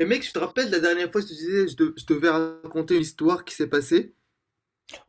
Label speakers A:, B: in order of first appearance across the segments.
A: Mais mec, je te rappelle la dernière fois, je te disais, je devais raconter une histoire qui s'est passée.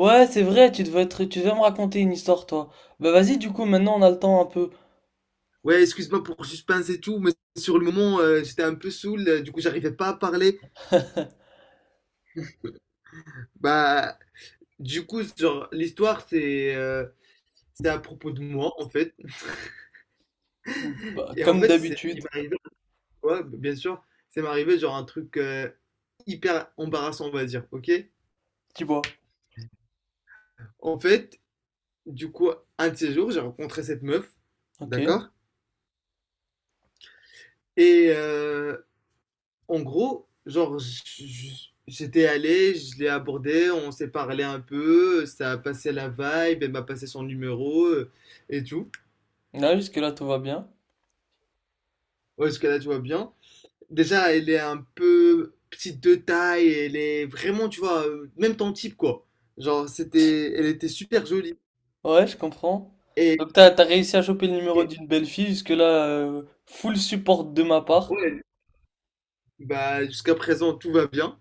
B: Ouais, c'est vrai, tu devais me raconter une histoire, toi. Bah vas-y, du coup, maintenant on a le temps un peu.
A: Ouais, excuse-moi pour le suspense et tout, mais sur le moment, j'étais un peu saoul, du coup, j'arrivais pas à parler. Bah, du coup, genre, l'histoire, c'est à propos de moi, en fait.
B: Bah,
A: Et en
B: comme
A: fait,
B: d'habitude,
A: il m'est arrivé, ouais, bien sûr, c'est m'arrivé, genre, un truc hyper embarrassant, on va dire, ok?
B: tu vois.
A: En fait, du coup, un de ces jours, j'ai rencontré cette meuf,
B: Ok.
A: d'accord? Et, euh, En gros, genre, j'étais allé, je l'ai abordé, on s'est parlé un peu, ça a passé la vibe, elle m'a passé son numéro et tout.
B: Là, jusque-là, tout va bien.
A: Ouais, jusqu'à là, tu vois bien. Déjà, elle est un peu petite de taille, elle est vraiment, tu vois, même ton type, quoi. Genre, elle était super jolie.
B: Ouais, je comprends.
A: Et,
B: Donc t'as réussi à choper le numéro
A: et-
B: d'une belle fille, jusque-là, full support de ma part.
A: ouais, bah, jusqu'à présent, tout va bien.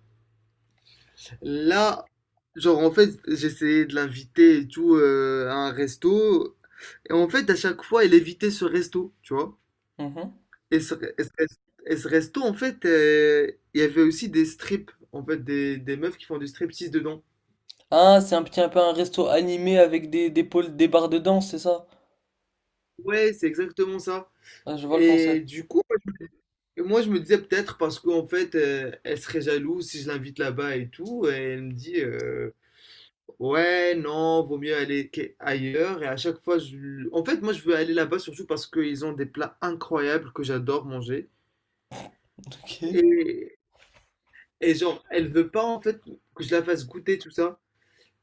A: Là, genre, en fait, j'essayais de l'inviter et tout à un resto. Et en fait, à chaque fois, elle évitait ce resto, tu vois.
B: Mhm.
A: Et ce, et ce res- et ce resto, en fait, il y avait aussi des strips, en fait, des meufs qui font du striptease dedans.
B: Ah, c'est un petit un peu un resto animé avec des pôles, des barres de danse, c'est ça?
A: Ouais, c'est exactement ça.
B: Ah, je vois le
A: Et
B: concept.
A: du coup, moi, je me disais peut-être parce qu'en fait, elle serait jalouse si je l'invite là-bas et tout. Et elle me dit, ouais, non, vaut mieux aller ailleurs. Et à chaque fois, je... en fait, moi, je veux aller là-bas surtout parce qu'ils ont des plats incroyables que j'adore manger.
B: Ok.
A: Et, Et genre, elle veut pas en fait que je la fasse goûter tout ça.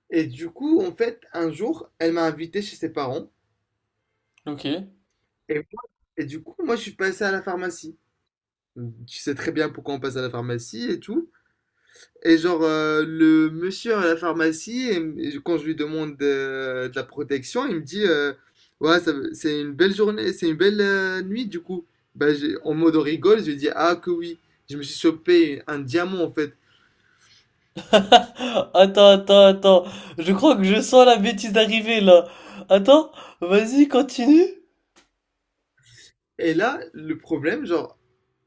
A: Et du coup, en fait, un jour, elle m'a invité chez ses parents.
B: Ok.
A: Et, moi- et du coup, moi, je suis passé à la pharmacie. Tu sais très bien pourquoi on passe à la pharmacie et tout. Et genre, le monsieur à la pharmacie, et quand je lui demande de, la protection, il me dit: Ouais, c'est une belle journée, c'est une belle nuit du coup. Bah, en mode rigole, je lui dis: Ah, que oui. Je me suis chopé un diamant en fait.
B: Attends, attends, attends. Je crois que je sens la bêtise arriver là. Attends, vas-y, continue.
A: Et là, le problème, genre,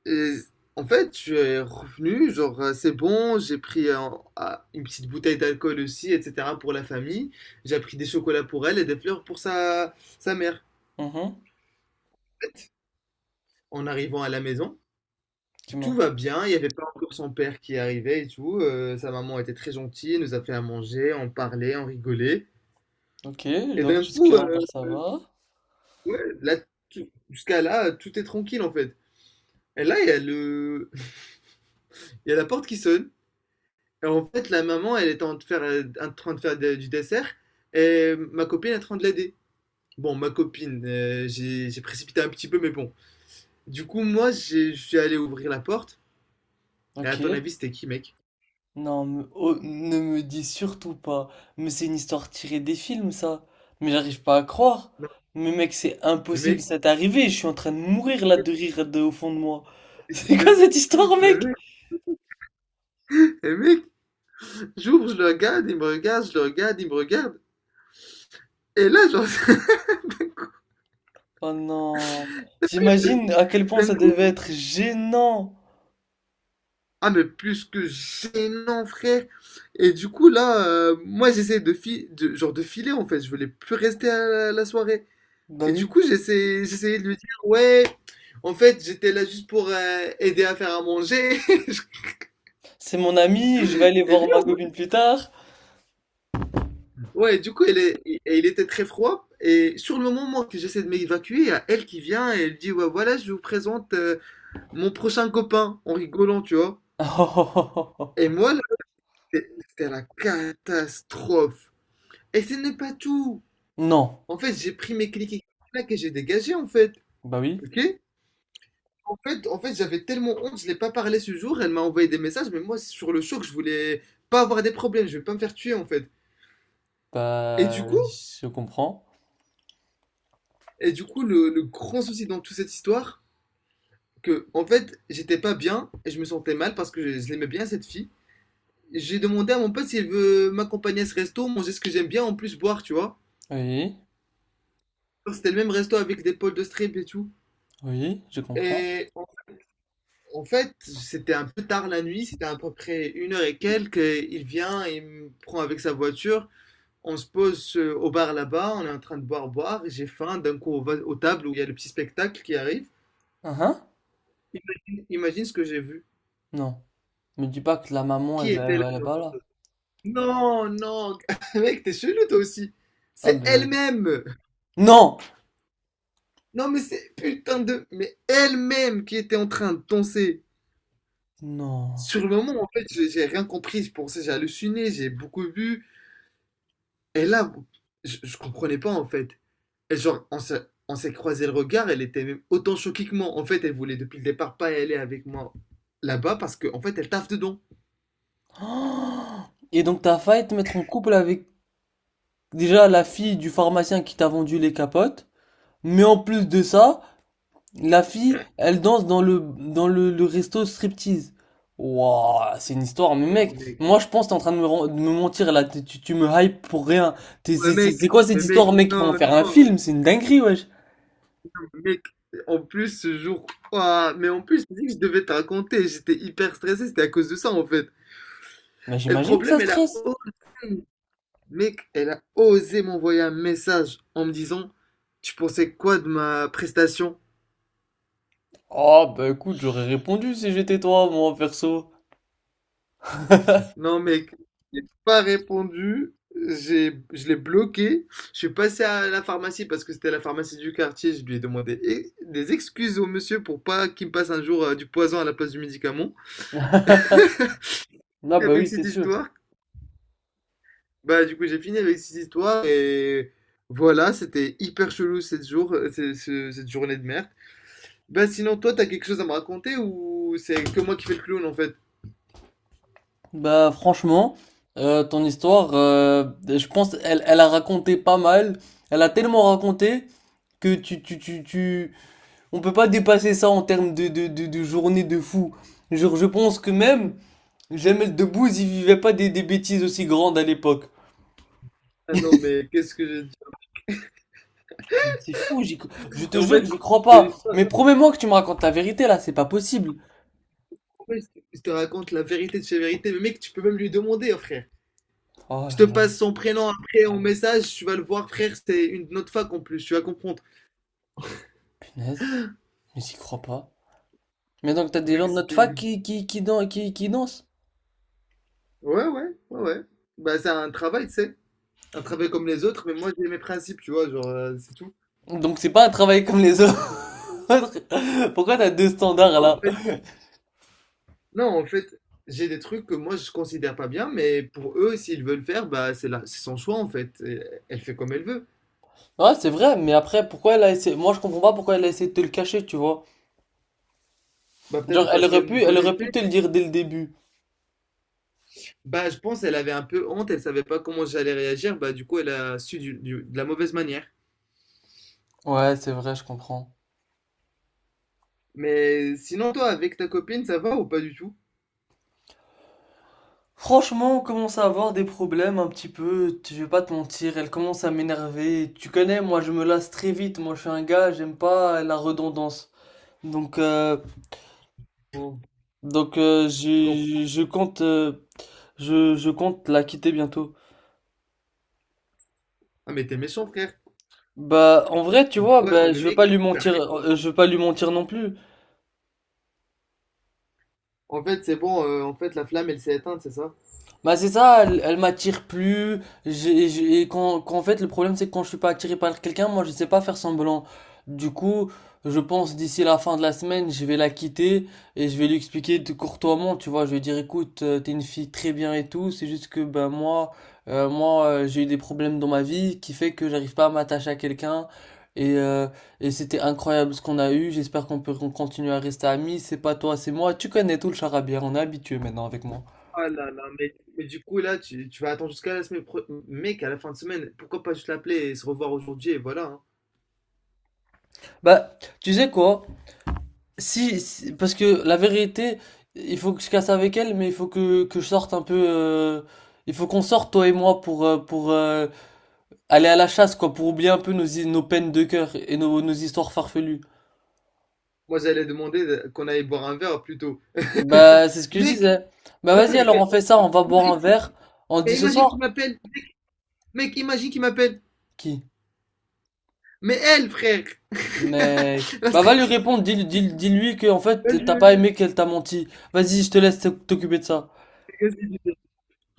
A: et en fait, je suis revenu, genre, c'est bon, j'ai pris une petite bouteille d'alcool aussi, etc., pour la famille. J'ai pris des chocolats pour elle et des fleurs pour sa mère.
B: Mhm.
A: En arrivant à la maison, tout
B: Dis-moi.
A: va bien, il n'y avait pas encore son père qui arrivait et tout. Sa maman était très gentille, elle nous a fait à manger, on parlait, on rigolait.
B: Ok,
A: Et
B: donc
A: d'un coup,
B: jusque-là
A: euh,
B: encore ça va.
A: ouais, là, jusqu'à là, tout est tranquille en fait. Et là, il y a la porte qui sonne. Alors, en fait, la maman, elle était en train de faire, du dessert et ma copine est en train de l'aider. Bon, ma copine, j'ai précipité un petit peu, mais bon. Du coup, je suis allé ouvrir la porte. Et à ton
B: Ok.
A: avis, c'était qui, mec?
B: Oh, ne me dis surtout pas. Mais c'est une histoire tirée des films, ça. Mais j'arrive pas à croire.
A: Non,
B: Mais mec, c'est
A: le
B: impossible,
A: mec,
B: ça t'est arrivé. Je suis en train de mourir là de rire au fond de moi. C'est quoi
A: le,
B: cette histoire,
A: le
B: mec?
A: mec, le mec, j'ouvre, je le regarde, il me regarde, je le regarde, il me regarde. Et là, genre,
B: Oh non. J'imagine à quel point ça
A: d'un coup,
B: devait être gênant.
A: ah, mais plus que gênant, frère. Et du coup, là, moi, j'essayais de, fi- de- genre, de filer, en fait. Je voulais plus rester à la soirée.
B: Bah
A: Et du
B: oui.
A: coup, j'essayais de lui dire: «Ouais, en fait, j'étais là juste pour, aider à faire à manger».
B: C'est mon ami, je vais aller
A: Et
B: voir
A: lui,
B: ma
A: en
B: copine plus tard.
A: ouais, du coup, elle est il était très froid et sur le moment que j'essaie de m'évacuer, il y a elle qui vient et elle dit: «Ouais, voilà, je vous présente, mon prochain copain», en rigolant, tu vois? Et moi, là, c'était la catastrophe et ce n'est pas tout.
B: Non.
A: En fait, j'ai pris mes clics et clacs et j'ai dégagé, en fait,
B: Bah oui.
A: OK? En fait, j'avais tellement honte, je l'ai pas parlé ce jour. Elle m'a envoyé des messages, mais moi, sur le choc, je voulais pas avoir des problèmes, je vais pas me faire tuer en fait. Et du
B: Bah,
A: coup,
B: je comprends.
A: et du coup, le grand souci dans toute cette histoire, que en fait, j'étais pas bien et je me sentais mal parce que je l'aimais bien cette fille. J'ai demandé à mon pote s'il veut m'accompagner à ce resto, manger ce que j'aime bien, en plus boire, tu vois.
B: Oui,
A: C'était le même resto avec des potes de strip et tout.
B: oui, je comprends.
A: Et en, en fait, c'était un peu tard la nuit, c'était à peu près une heure et quelques. Et il vient, il me prend avec sa voiture. On se pose au bar là-bas, on est en train de boire, et j'ai faim. D'un coup, on va aux tables où il y a le petit spectacle qui arrive.
B: Ah hein.
A: Imagine, imagine ce que j'ai vu.
B: Non. Me dis pas que la maman,
A: Qui
B: elle
A: était là
B: va
A: dedans?
B: là-bas, là.
A: Non, non, mec, t'es chelou toi aussi.
B: Ah
A: C'est
B: ben...
A: elle-même.
B: Non!
A: Non, mais c'est putain de. Mais elle-même qui était en train de danser.
B: Non.
A: Sur le moment, en fait, j'ai rien compris. Je pensais, j'ai halluciné, j'ai beaucoup bu. Et là, je comprenais pas en fait. Et genre, on s'est croisé le regard, elle était même autant choquée que moi. En fait, elle voulait depuis le départ pas aller avec moi là-bas parce qu'en fait, elle taffe dedans.
B: Et donc t'as failli te mettre en couple avec déjà la fille du pharmacien qui t'a vendu les capotes, mais en plus de ça, la fille, elle danse dans le resto striptease. Wouah, c'est une histoire, mais
A: Oh,
B: mec,
A: mec.
B: moi je pense que t'es en train de me mentir là, tu me hype pour rien.
A: Mais mec,
B: C'est quoi cette
A: mais mec,
B: histoire, mec? Ils vont en
A: non,
B: faire un
A: non,
B: film, c'est une dinguerie, wesh.
A: mec, en plus ce jour, ouah, mais en plus, je dis que je devais te raconter, j'étais hyper stressé, c'était à cause de ça en fait.
B: Mais
A: Et le
B: j'imagine que
A: problème,
B: ça
A: elle a
B: stresse.
A: osé, mec, elle a osé m'envoyer un message en me disant, tu pensais quoi de ma prestation?
B: Oh, bah écoute, j'aurais répondu si j'étais toi, moi, perso.
A: Non, mec, j'ai pas répondu. Je l'ai bloqué. Je suis passé à la pharmacie parce que c'était la pharmacie du quartier. Je lui ai demandé eh, des excuses au monsieur pour pas qu'il me passe un jour du poison à la place du médicament.
B: Ah bah
A: Avec
B: oui, c'est
A: cette
B: sûr.
A: histoire, bah du coup j'ai fini avec cette histoire et voilà, c'était hyper chelou cette jour, cette journée de merde. Bah sinon toi t'as quelque chose à me raconter ou c'est que moi qui fais le clown en fait?
B: Bah franchement, ton histoire, je pense, elle a raconté pas mal. Elle a tellement raconté que tu... On peut pas dépasser ça en termes de journée de fou. Genre, je pense que même Jamel Debbouze, il vivait pas des bêtises aussi grandes à l'époque.
A: Ah non mais qu'est-ce que je dis?
B: C'est fou, je te
A: En
B: jure que
A: fait,
B: j'y crois
A: c'est
B: pas.
A: l'histoire.
B: Mais promets-moi que tu me racontes la vérité, là, c'est pas possible.
A: Ouais, je te raconte la vérité de chez vérité. Mais mec, tu peux même lui demander, hein, frère.
B: Oh
A: Je te
B: là là,
A: passe son prénom après en message, tu vas le voir, frère. C'était une de notre fac en plus, tu vas comprendre.
B: punaise, mais j'y crois pas. Mais donc t'as des
A: Mec,
B: gens de notre
A: c'était
B: fac
A: une.
B: qui qui dansent.
A: Ouais, ouais, ouais, ouais. Bah, c'est un travail, tu sais. Un travail comme les autres, mais moi, j'ai mes principes, tu vois, genre, c'est tout.
B: Donc c'est pas un travail comme les autres. Pourquoi t'as deux standards
A: Non, en
B: là?
A: fait, non, en fait, j'ai des trucs que moi, je considère pas bien, mais pour eux, s'ils veulent faire, bah, c'est son choix, en fait. Et elle fait comme elle veut.
B: Ouais, c'est vrai, mais après pourquoi elle a essayé moi je comprends pas pourquoi elle a essayé de te le cacher, tu vois.
A: Bah, peut-être
B: Genre
A: parce qu'elle me
B: elle aurait pu
A: connaissait.
B: te le dire dès le début.
A: Bah, je pense elle avait un peu honte, elle savait pas comment j'allais réagir, bah du coup elle a su de la mauvaise manière.
B: Ouais, c'est vrai, je comprends.
A: Mais sinon toi avec ta copine ça va ou pas du tout?
B: Franchement, on commence à avoir des problèmes un petit peu, je vais pas te mentir, elle commence à m'énerver. Tu connais, moi je me lasse très vite, moi je suis un gars, j'aime pas la redondance. Donc euh,
A: Bon,
B: donc euh,
A: je comprends.
B: je je compte euh, je compte la quitter bientôt.
A: Ah mais t'es méchant frère.
B: Bah, en vrai, tu
A: Mais
B: vois,
A: pourquoi? Mais
B: bah, je veux
A: mec,
B: pas lui mentir, je veux pas lui mentir non plus.
A: en fait c'est bon, en fait la flamme elle s'est éteinte, c'est ça?
B: Bah c'est ça, elle, elle m'attire plus. Qu'en fait, le problème c'est que quand je suis pas attiré par quelqu'un, moi je sais pas faire semblant. Du coup, je pense d'ici la fin de la semaine, je vais la quitter et je vais lui expliquer de courtoisement, tu vois. Je vais dire, écoute, t'es une fille très bien et tout. C'est juste que ben moi, j'ai eu des problèmes dans ma vie qui fait que j'arrive pas à m'attacher à quelqu'un. Et, euh, et c'était incroyable ce qu'on a eu. J'espère qu'on continue à rester amis. C'est pas toi, c'est moi. Tu connais tout le charabia, on est habitué maintenant avec moi.
A: Ah là là, mais du coup là tu vas attendre jusqu'à la semaine mec, à la fin de semaine, pourquoi pas juste l'appeler et se revoir aujourd'hui et voilà, hein.
B: Bah, tu sais quoi? Parce que la vérité, il faut que je casse avec elle, mais il faut que je sorte un peu. Il faut qu'on sorte, toi et moi, pour aller à la chasse, quoi, pour oublier un peu nos peines de cœur et nos histoires farfelues.
A: Moi j'allais demander qu'on aille boire un verre plutôt.
B: Bah, c'est ce que je
A: Mec,
B: disais. Bah,
A: t'appelles
B: vas-y,
A: avec
B: alors
A: elle.
B: on fait ça, on va boire un
A: Imagine,
B: verre. On dit ce
A: imagine qu'il
B: soir?
A: m'appelle. Mec, imagine qu'il m'appelle.
B: Qui?
A: Mais elle, frère.
B: Mec.
A: La
B: Bah, va lui
A: stripteaseuse
B: répondre, dis-lui que, en fait, t'as
A: du
B: pas aimé qu'elle t'a menti. Vas-y, je te laisse t'occuper de ça.
A: magazine.